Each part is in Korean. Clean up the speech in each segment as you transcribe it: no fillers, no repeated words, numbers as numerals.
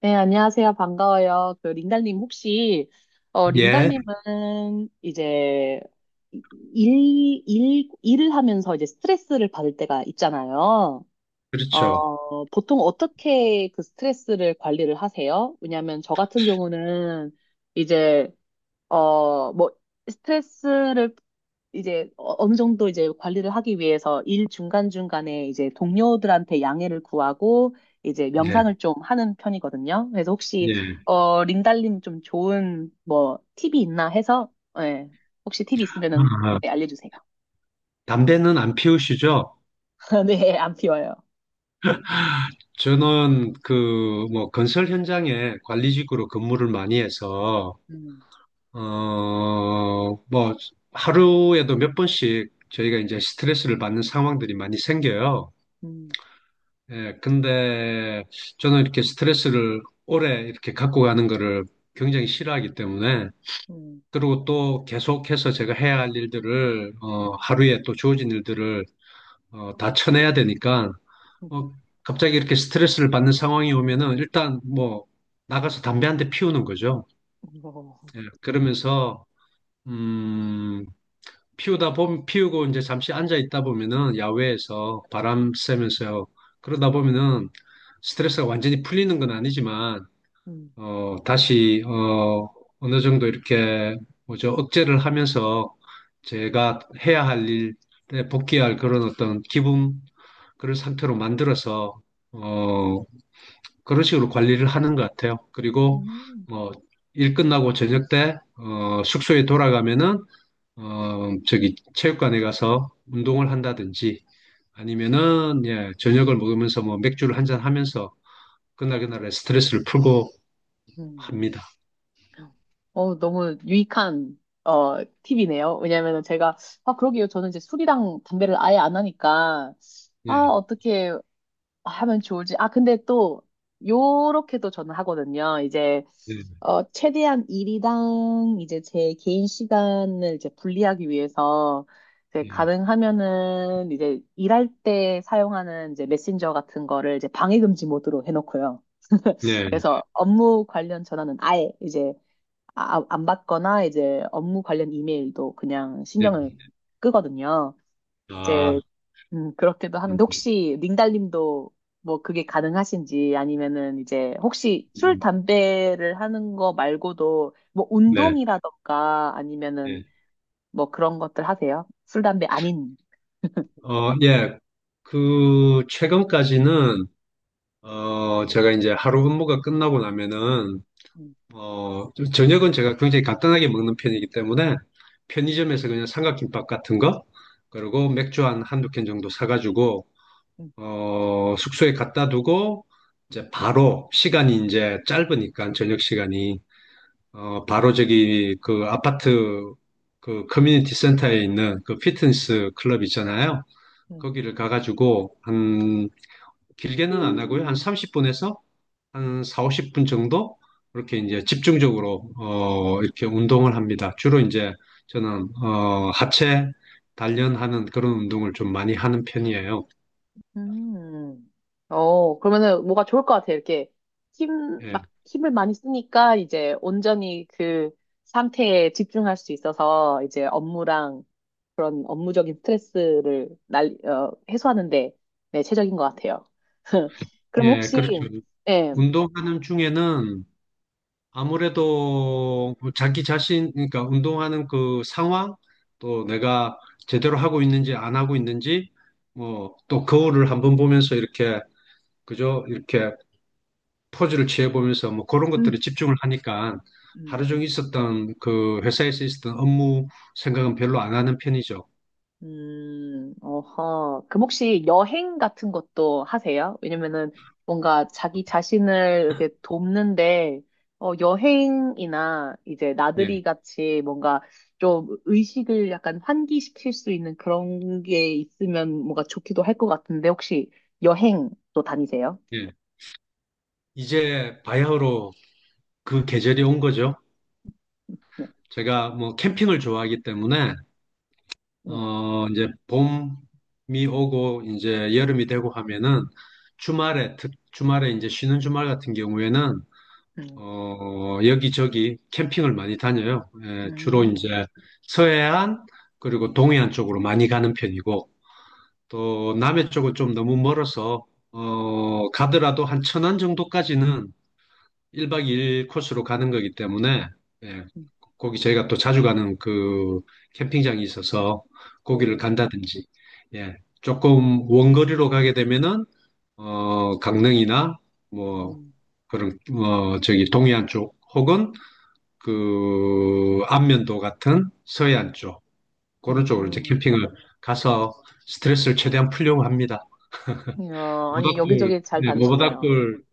네, 안녕하세요. 반가워요. 그 링달님 혹시 예, 링달님은 이제 일을 하면서 이제 스트레스를 받을 때가 있잖아요. 그렇죠. 보통 어떻게 그 스트레스를 관리를 하세요? 왜냐하면 저 같은 경우는 이제 뭐 스트레스를 이제 어느 정도 이제 관리를 하기 위해서 일 중간중간에 이제 동료들한테 양해를 구하고 이제 예, 명상을 좀 하는 편이거든요. 그래서 혹시 예. 린달님 좀 좋은 뭐 팁이 있나 해서 예, 혹시 팁이 아, 있으면은 아. 네, 알려주세요. 담배는 안 피우시죠? 네, 안 피워요. 저는 그, 뭐, 건설 현장에 관리직으로 근무를 많이 해서, 음, 어, 뭐, 하루에도 몇 번씩 저희가 이제 스트레스를 받는 상황들이 많이 생겨요. 음, 예, 근데 저는 이렇게 스트레스를 오래 이렇게 갖고 가는 거를 굉장히 싫어하기 때문에, 음, 그리고 또 계속해서 제가 해야 할 일들을, 하루에 또 주어진 일들을 다 쳐내야 되니까, 어, 갑자기 이렇게 스트레스를 받는 상황이 오면은 일단 뭐 나가서 담배 한 대 피우는 거죠. 음, 예, 그러면서, 음, 피우다 보면, 피우고 이제 잠시 앉아 있다 보면은 야외에서 바람 쐬면서 그러다 보면은 스트레스가 완전히 풀리는 건 아니지만 음, 음, 다시, 어느 정도 이렇게, 뭐죠, 억제를 하면서 제가 해야 할 일에 복귀할 그런 어떤 기분, 그런 상태로 만들어서, 어, 그런 식으로 관리를 하는 것 같아요. 그리고, 음, 뭐, 일 끝나고 저녁 때, 숙소에 돌아가면은, 저기, 체육관에 가서 운동을 한다든지, 아니면은, 예, 저녁을 먹으면서 뭐 맥주를 한잔 하면서, 그날 그날의 스트레스를 풀고 음. 합니다. 너무 유익한, 어, 팁이네요. 왜냐면은 제가, 아, 그러게요. 저는 이제 술이랑 담배를 아예 안 하니까, 아, 예. 어떻게 하면 좋을지. 아, 근데 또, 요렇게도 저는 하거든요. 이제, 네, 최대한 일이랑 이제 제 개인 시간을 이제 분리하기 위해서, 이제 예, 가능하면은 이제 일할 때 사용하는 이제 메신저 같은 거를 이제 방해금지 모드로 해놓고요. 네, 네. 그래서 업무 관련 전화는 아예 이제 안 받거나 이제 업무 관련 이메일도 그냥 네. 신경을 끄거든요. 아, 이제 그렇게도 음, 하는데 혹시 링달님도 뭐 그게 가능하신지 아니면은 이제 혹시 술, 음, 담배를 하는 거 말고도 뭐 네, 운동이라던가 아니면은 예. 뭐 그런 것들 하세요? 술, 담배 아닌. 어, 예. 그, 최근까지는, 제가 이제 하루 업무가 끝나고 나면은, 음, 좀 저녁은 제가 굉장히 간단하게 먹는 편이기 때문에, 편의점에서 그냥 삼각김밥 같은 거, 그리고 맥주 한 한두 캔 정도 사가지고, 음, 숙소에 갖다 두고, 이제 바로, 시간이 이제 짧으니까, 저녁 시간이. 바로 저기 그 아파트 그 커뮤니티 센터에 있는 그 피트니스 클럽 있잖아요. 음. 거기를 가가지고 한 길게는 안 하고요. 한 30분에서 한 4, 50분 정도 이렇게 이제 집중적으로 이렇게 운동을 합니다. 주로 이제 저는 하체 단련하는 그런 운동을 좀 많이 하는 편이에요. 음. 그러면은 뭐가 좋을 것 같아. 이렇게 힘, 막 예, 힘을 많이 쓰니까 이제 온전히 그 상태에 집중할 수 있어서 이제 업무랑 그런 업무적인 스트레스를 해소하는데 네, 최적인 것 같아요. 그럼 예, 혹시, 그렇죠. 예. 운동하는 중에는 아무래도 그 자기 자신, 그러니까 운동하는 그 상황, 또 내가 제대로 하고 있는지 안 하고 있는지, 뭐, 또 거울을 한번 보면서 이렇게, 그죠? 이렇게 포즈를 취해보면서 뭐 그런 것들에 음, 집중을 하니까 하루 네. 종일 있었던 그 회사에서 있었던 업무 생각은 별로 안 하는 편이죠. 어허. 그럼 혹시 여행 같은 것도 하세요? 왜냐면은 뭔가 자기 자신을 이렇게 돕는데, 여행이나 이제 예, 나들이 같이 뭔가 좀 의식을 약간 환기시킬 수 있는 그런 게 있으면 뭔가 좋기도 할 것 같은데, 혹시 여행도 다니세요? 예. 이제 바야흐로 그 계절이 온 거죠. 네. 제가 뭐 캠핑을 좋아하기 때문에 네. 이제 봄이 오고 이제 여름이 되고 하면은 주말에, 주말에 이제 쉬는 주말 같은 경우에는 음, 여기저기 캠핑을 많이 다녀요. 예, 주로 음, 이제 서해안 그리고 동해안 쪽으로 많이 가는 편이고 또 남해 쪽은 좀 너무 멀어서 가더라도 한 천안 정도까지는 1박 2일 코스로 가는 거기 때문에 예, 음, 거기 저희가 또 자주 가는 그 캠핑장이 있어서 거기를 오, 간다든지, 예, 조금 원거리로 가게 되면은, 강릉이나 뭐, 음, 그런, 저기 동해안 쪽 혹은 그 안면도 같은 서해안 쪽, 음, 그런 쪽으로 이제 음. 캠핑을 가서 스트레스를 최대한 풀려고 합니다. 이야, 아니, 모닥불, 여기저기 잘 네, 뭐 다니시네요. 모닥불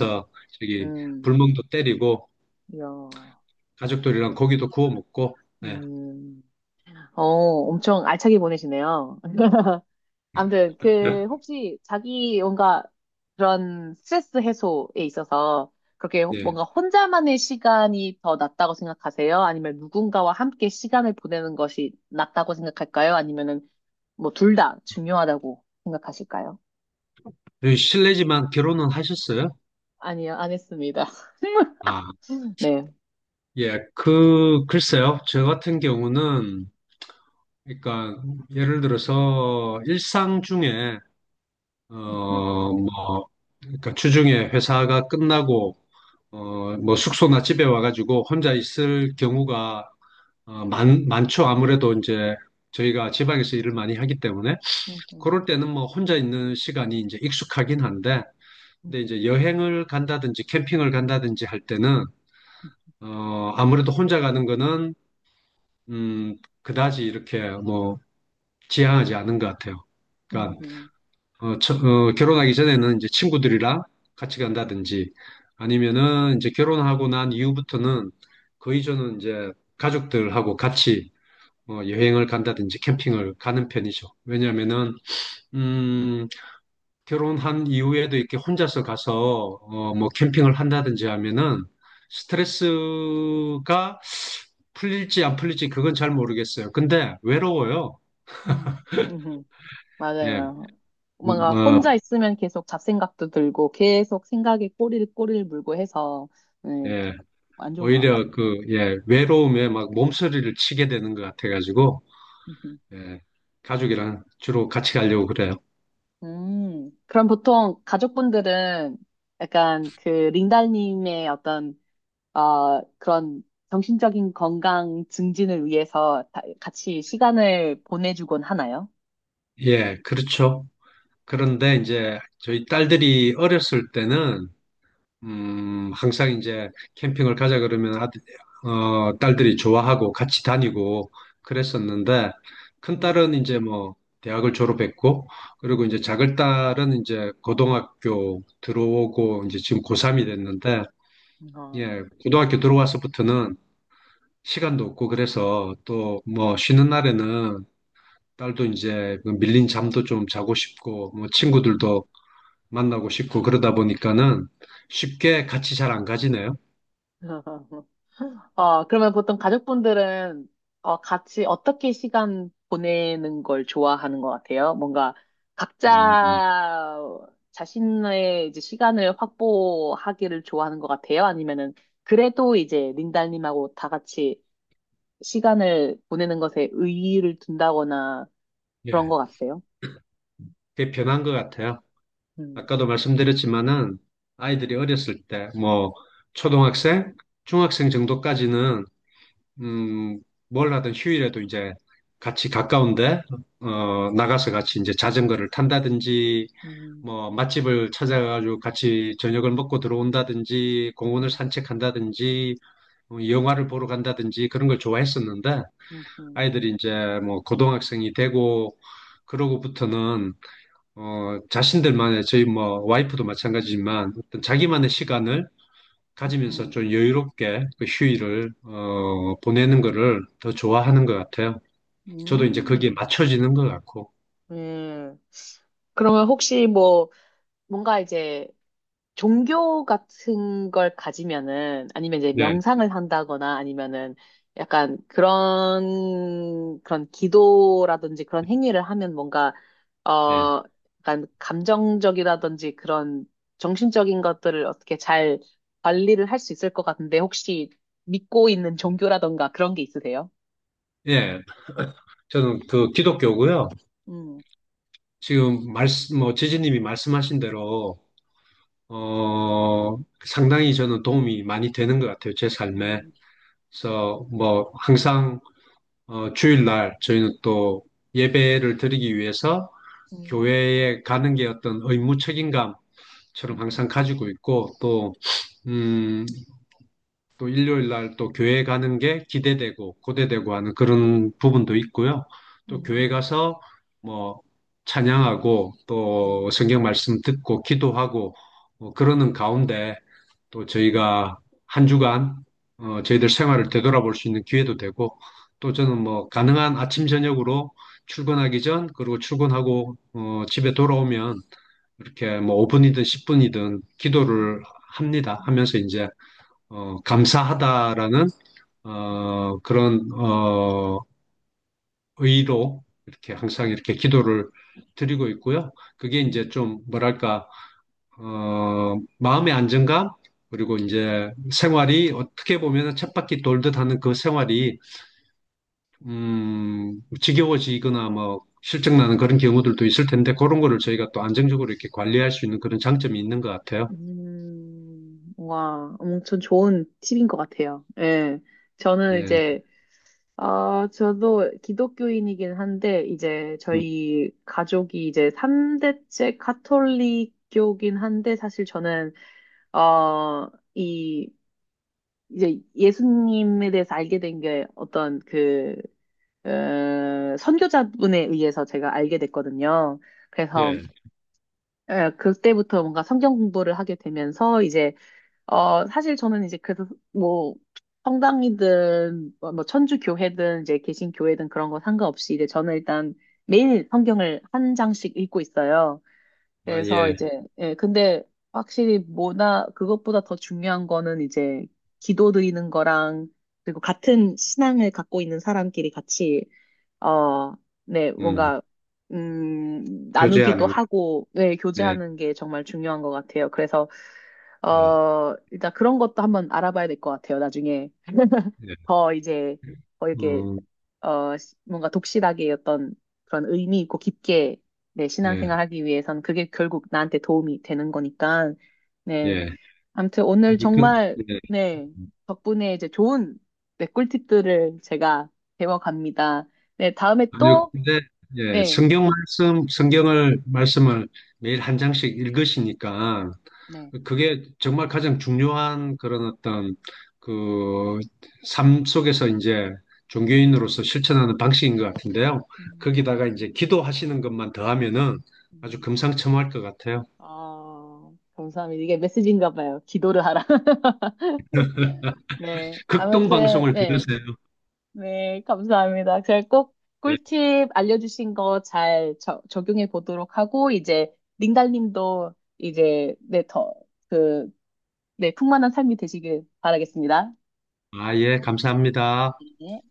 음, 저기 음, 불멍도 때리고 이야. 가족들이랑 고기도 구워 먹고, 네. 음. 엄청 알차게 보내시네요. 아무튼, 그, 혹시 자기 뭔가 그런 스트레스 해소에 있어서 그렇게 네. 뭔가 혼자만의 시간이 더 낫다고 생각하세요? 아니면 누군가와 함께 시간을 보내는 것이 낫다고 생각할까요? 아니면은 뭐 둘 다 중요하다고 생각하실까요? 네, 실례지만 결혼은 하셨어요? 아니요, 안 했습니다. 아, 네. 예, 그, 글쎄요. 저 같은 경우는, 그러니까, 예를 들어서 일상 중에, 어, 음, 음, 뭐, 그러니까 주중에 회사가 끝나고, 뭐 숙소나 집에 와가지고 혼자 있을 경우가 많죠. 아무래도 이제 저희가 지방에서 일을 많이 하기 때문에. 음, 그럴 때는 뭐 혼자 있는 시간이 이제 익숙하긴 한데, 근데 음, 이제 여행을 간다든지 캠핑을 간다든지 할 때는 아무래도 혼자 가는 거는, 음, 그다지 이렇게 뭐, 지향하지 않은 것 같아요. 그러니까, 음, 결혼하기 전에는 이제 친구들이랑 같이 간다든지 아니면은 이제 결혼하고 난 이후부터는 거의 저는 이제 가족들하고 같이 여행을 간다든지 캠핑을 가는 편이죠. 왜냐면은, 음, 결혼한 이후에도 이렇게 혼자서 가서 뭐 캠핑을 한다든지 하면은 스트레스가 풀릴지 안 풀릴지 그건 잘 모르겠어요. 근데 외로워요. 음, 음, 음, 예, 맞아요. 뭔가 어, 혼자 있으면 계속 잡생각도 들고 계속 생각에 꼬리를 물고 해서 네, 그- 예, 안 좋은 것 같아요. 오히려 그, 예, 외로움에 막 몸서리를 치게 되는 것 같아가지고, 음 예, 가족이랑 주로 같이 가려고 그래요. 그럼 보통 가족분들은 약간 그 링달님의 어떤 그런 정신적인 건강 증진을 위해서 같이 시간을 보내주곤 하나요? 예, 그렇죠. 그런데 음, 이제 저희 딸들이 어렸을 때는 항상 이제 캠핑을 가자 그러면 아들, 딸들이 좋아하고 같이 다니고 그랬었는데 큰 음, 딸은 이제 뭐 대학을 졸업했고 음, 그리고 이제 작은 딸은 이제 고등학교 들어오고 이제 지금 고3이 됐는데 어, 예, 고등학교 들어와서부터는 시간도 없고 그래서 또 뭐 쉬는 날에는 딸도 이제 그 밀린 잠도 좀 자고 싶고 뭐 음. 친구들도 만나고 싶고 그러다 보니까는 쉽게 같이 잘 안 가지네요. 그러면 보통 가족분들은 같이 어떻게 시간 보내는 걸 좋아하는 것 같아요? 뭔가 음, 각자 자신의 이제 시간을 확보하기를 좋아하는 것 같아요? 아니면은 그래도 이제 린달님하고 다 같이 시간을 보내는 것에 의의를 둔다거나 예, 그런 것 같아요? 그게 변한 것 같아요. 음, 아까도 말씀드렸지만은 아이들이 어렸을 때, 뭐, 초등학생, 중학생 정도까지는, 음, 뭘 하든 휴일에도 이제 같이 가까운데, 나가서 같이 이제 자전거를 탄다든지, 음, 뭐, 맛집을 찾아가지고 같이 저녁을 먹고 들어온다든지, 공원을 음, 산책한다든지, 영화를 보러 간다든지 그런 걸 좋아했었는데, 음, 음, 아이들이 이제 뭐, 고등학생이 되고, 그러고부터는 자신들만의, 저희 뭐, 와이프도 마찬가지지만, 어떤 자기만의 시간을 가지면서 음, 좀 여유롭게 그 휴일을, 보내는 거를 더 좋아하는 것 같아요. 저도 이제 거기에 음, 맞춰지는 것 같고, 예. 그러면 혹시 뭐 뭔가 이제 종교 같은 걸 가지면은 아니면 이제 네, 명상을 한다거나 아니면은 약간 그런 기도라든지 그런 행위를 하면 뭔가 네, 어 약간 감정적이라든지 그런 정신적인 것들을 어떻게 잘 관리를 할 수 있을 것 같은데 혹시 믿고 있는 종교라든가 그런 게 있으세요? 예. 저는 그 기독교고요. 음, 지금 말씀, 뭐, 지지님이 말씀하신 대로, 어, 상당히 저는 도움이 많이 되는 것 같아요. 제 삶에. 음, 그래서 뭐, 항상, 주일날 저희는 또 예배를 드리기 위해서 음, 교회에 가는 게 어떤 의무 책임감처럼 항상 가지고 있고 또 음, 또 일요일 날 또 교회 가는 게 기대되고 고대되고 하는 그런 부분도 있고요. 또 음, 교회 음, 가서 뭐 찬양하고 또 음, 성경 말씀 듣고 기도하고 뭐 그러는 가운데 또 음, 저희가 한 주간 저희들 생활을 되돌아볼 수 있는 기회도 되고 또 저는 뭐 가능한 아침 저녁으로 출근하기 전 그리고 출근하고 집에 돌아오면 이렇게 뭐 5분이든 10분이든 음, 기도를 합니다. 음, 하면서 이제 감사하다라는 그런 의로 이렇게 항상 이렇게 기도를 드리고 있고요. 그게 이제 음. 좀 뭐랄까 마음의 안정감 그리고 음. 이제 생활이 어떻게 보면 쳇바퀴 돌듯 하는 그 생활이 지겨워지거나 뭐 실증나는 그런 경우들도 있을 텐데 그런 거를 저희가 또 안정적으로 이렇게 관리할 수 있는 그런 장점이 있는 것 같아요. 와, 엄청 좋은 팁인 것 같아요. 예. 저는 네, 이제, 아, 저도 기독교인이긴 한데, 이제 음, 저희 가족이 이제 3대째 카톨릭교긴 한데, 사실 저는, 어, 이, 이제 예수님에 대해서 알게 된 게 어떤 그, 어, 선교자분에 의해서 제가 알게 됐거든요. 그래서, 예, 예, 그때부터 뭔가 성경 공부를 하게 되면서, 이제 사실 저는 이제 그래서 뭐 성당이든 뭐 천주 교회든 이제 개신 교회든 그런 거 상관없이 이제 저는 일단 매일 성경을 한 장씩 읽고 있어요. 아 그래서 예, 이제 예, 근데 확실히 뭐나 그것보다 더 중요한 거는 이제 기도 드리는 거랑 그리고 같은 신앙을 갖고 있는 사람끼리 같이 어, 네, 음, 뭔가, 나누기도 교제하는, 하고, 네, 네, 교제하는 게 정말 중요한 것 같아요. 그래서, 네. 일단 그런 것도 한번 알아봐야 될 것 같아요. 나중에 예. 더 이제, 더 이렇게, 음, 뭔가 독실하게 어떤 그런 의미 있고 깊게, 네, 예, 신앙생활 하기 위해선 그게 결국 나한테 도움이 되는 거니까, 네. 예. 아무튼 오늘 아니, 그, 정말, 예. 네, 덕분에 이제 좋은, 네, 꿀팁들을 제가 배워갑니다. 네, 다음에 아니요, 또 근데, 예, 네, 성경 말씀, 성경을, 말씀을 매일 한 장씩 읽으시니까, 네. 그게 정말 가장 중요한 그런 어떤, 그, 삶 속에서 이제 종교인으로서 실천하는 방식인 것 같은데요. 음, 거기다가 이제 기도하시는 것만 더하면은 아주 음. 금상첨화할 것 같아요. 아, 감사합니다. 이게 메시지인가 봐요. 기도를 하라. 네. 극동 아무튼, 방송을 네. 들으세요. 네, 감사합니다. 제가 꼭 예. 꿀팁 알려주신 거 잘 적용해 보도록 하고, 이제, 링달님도 이제, 네, 더, 그, 네, 풍만한 삶이 되시길 바라겠습니다. 아, 예, 감사합니다. 네.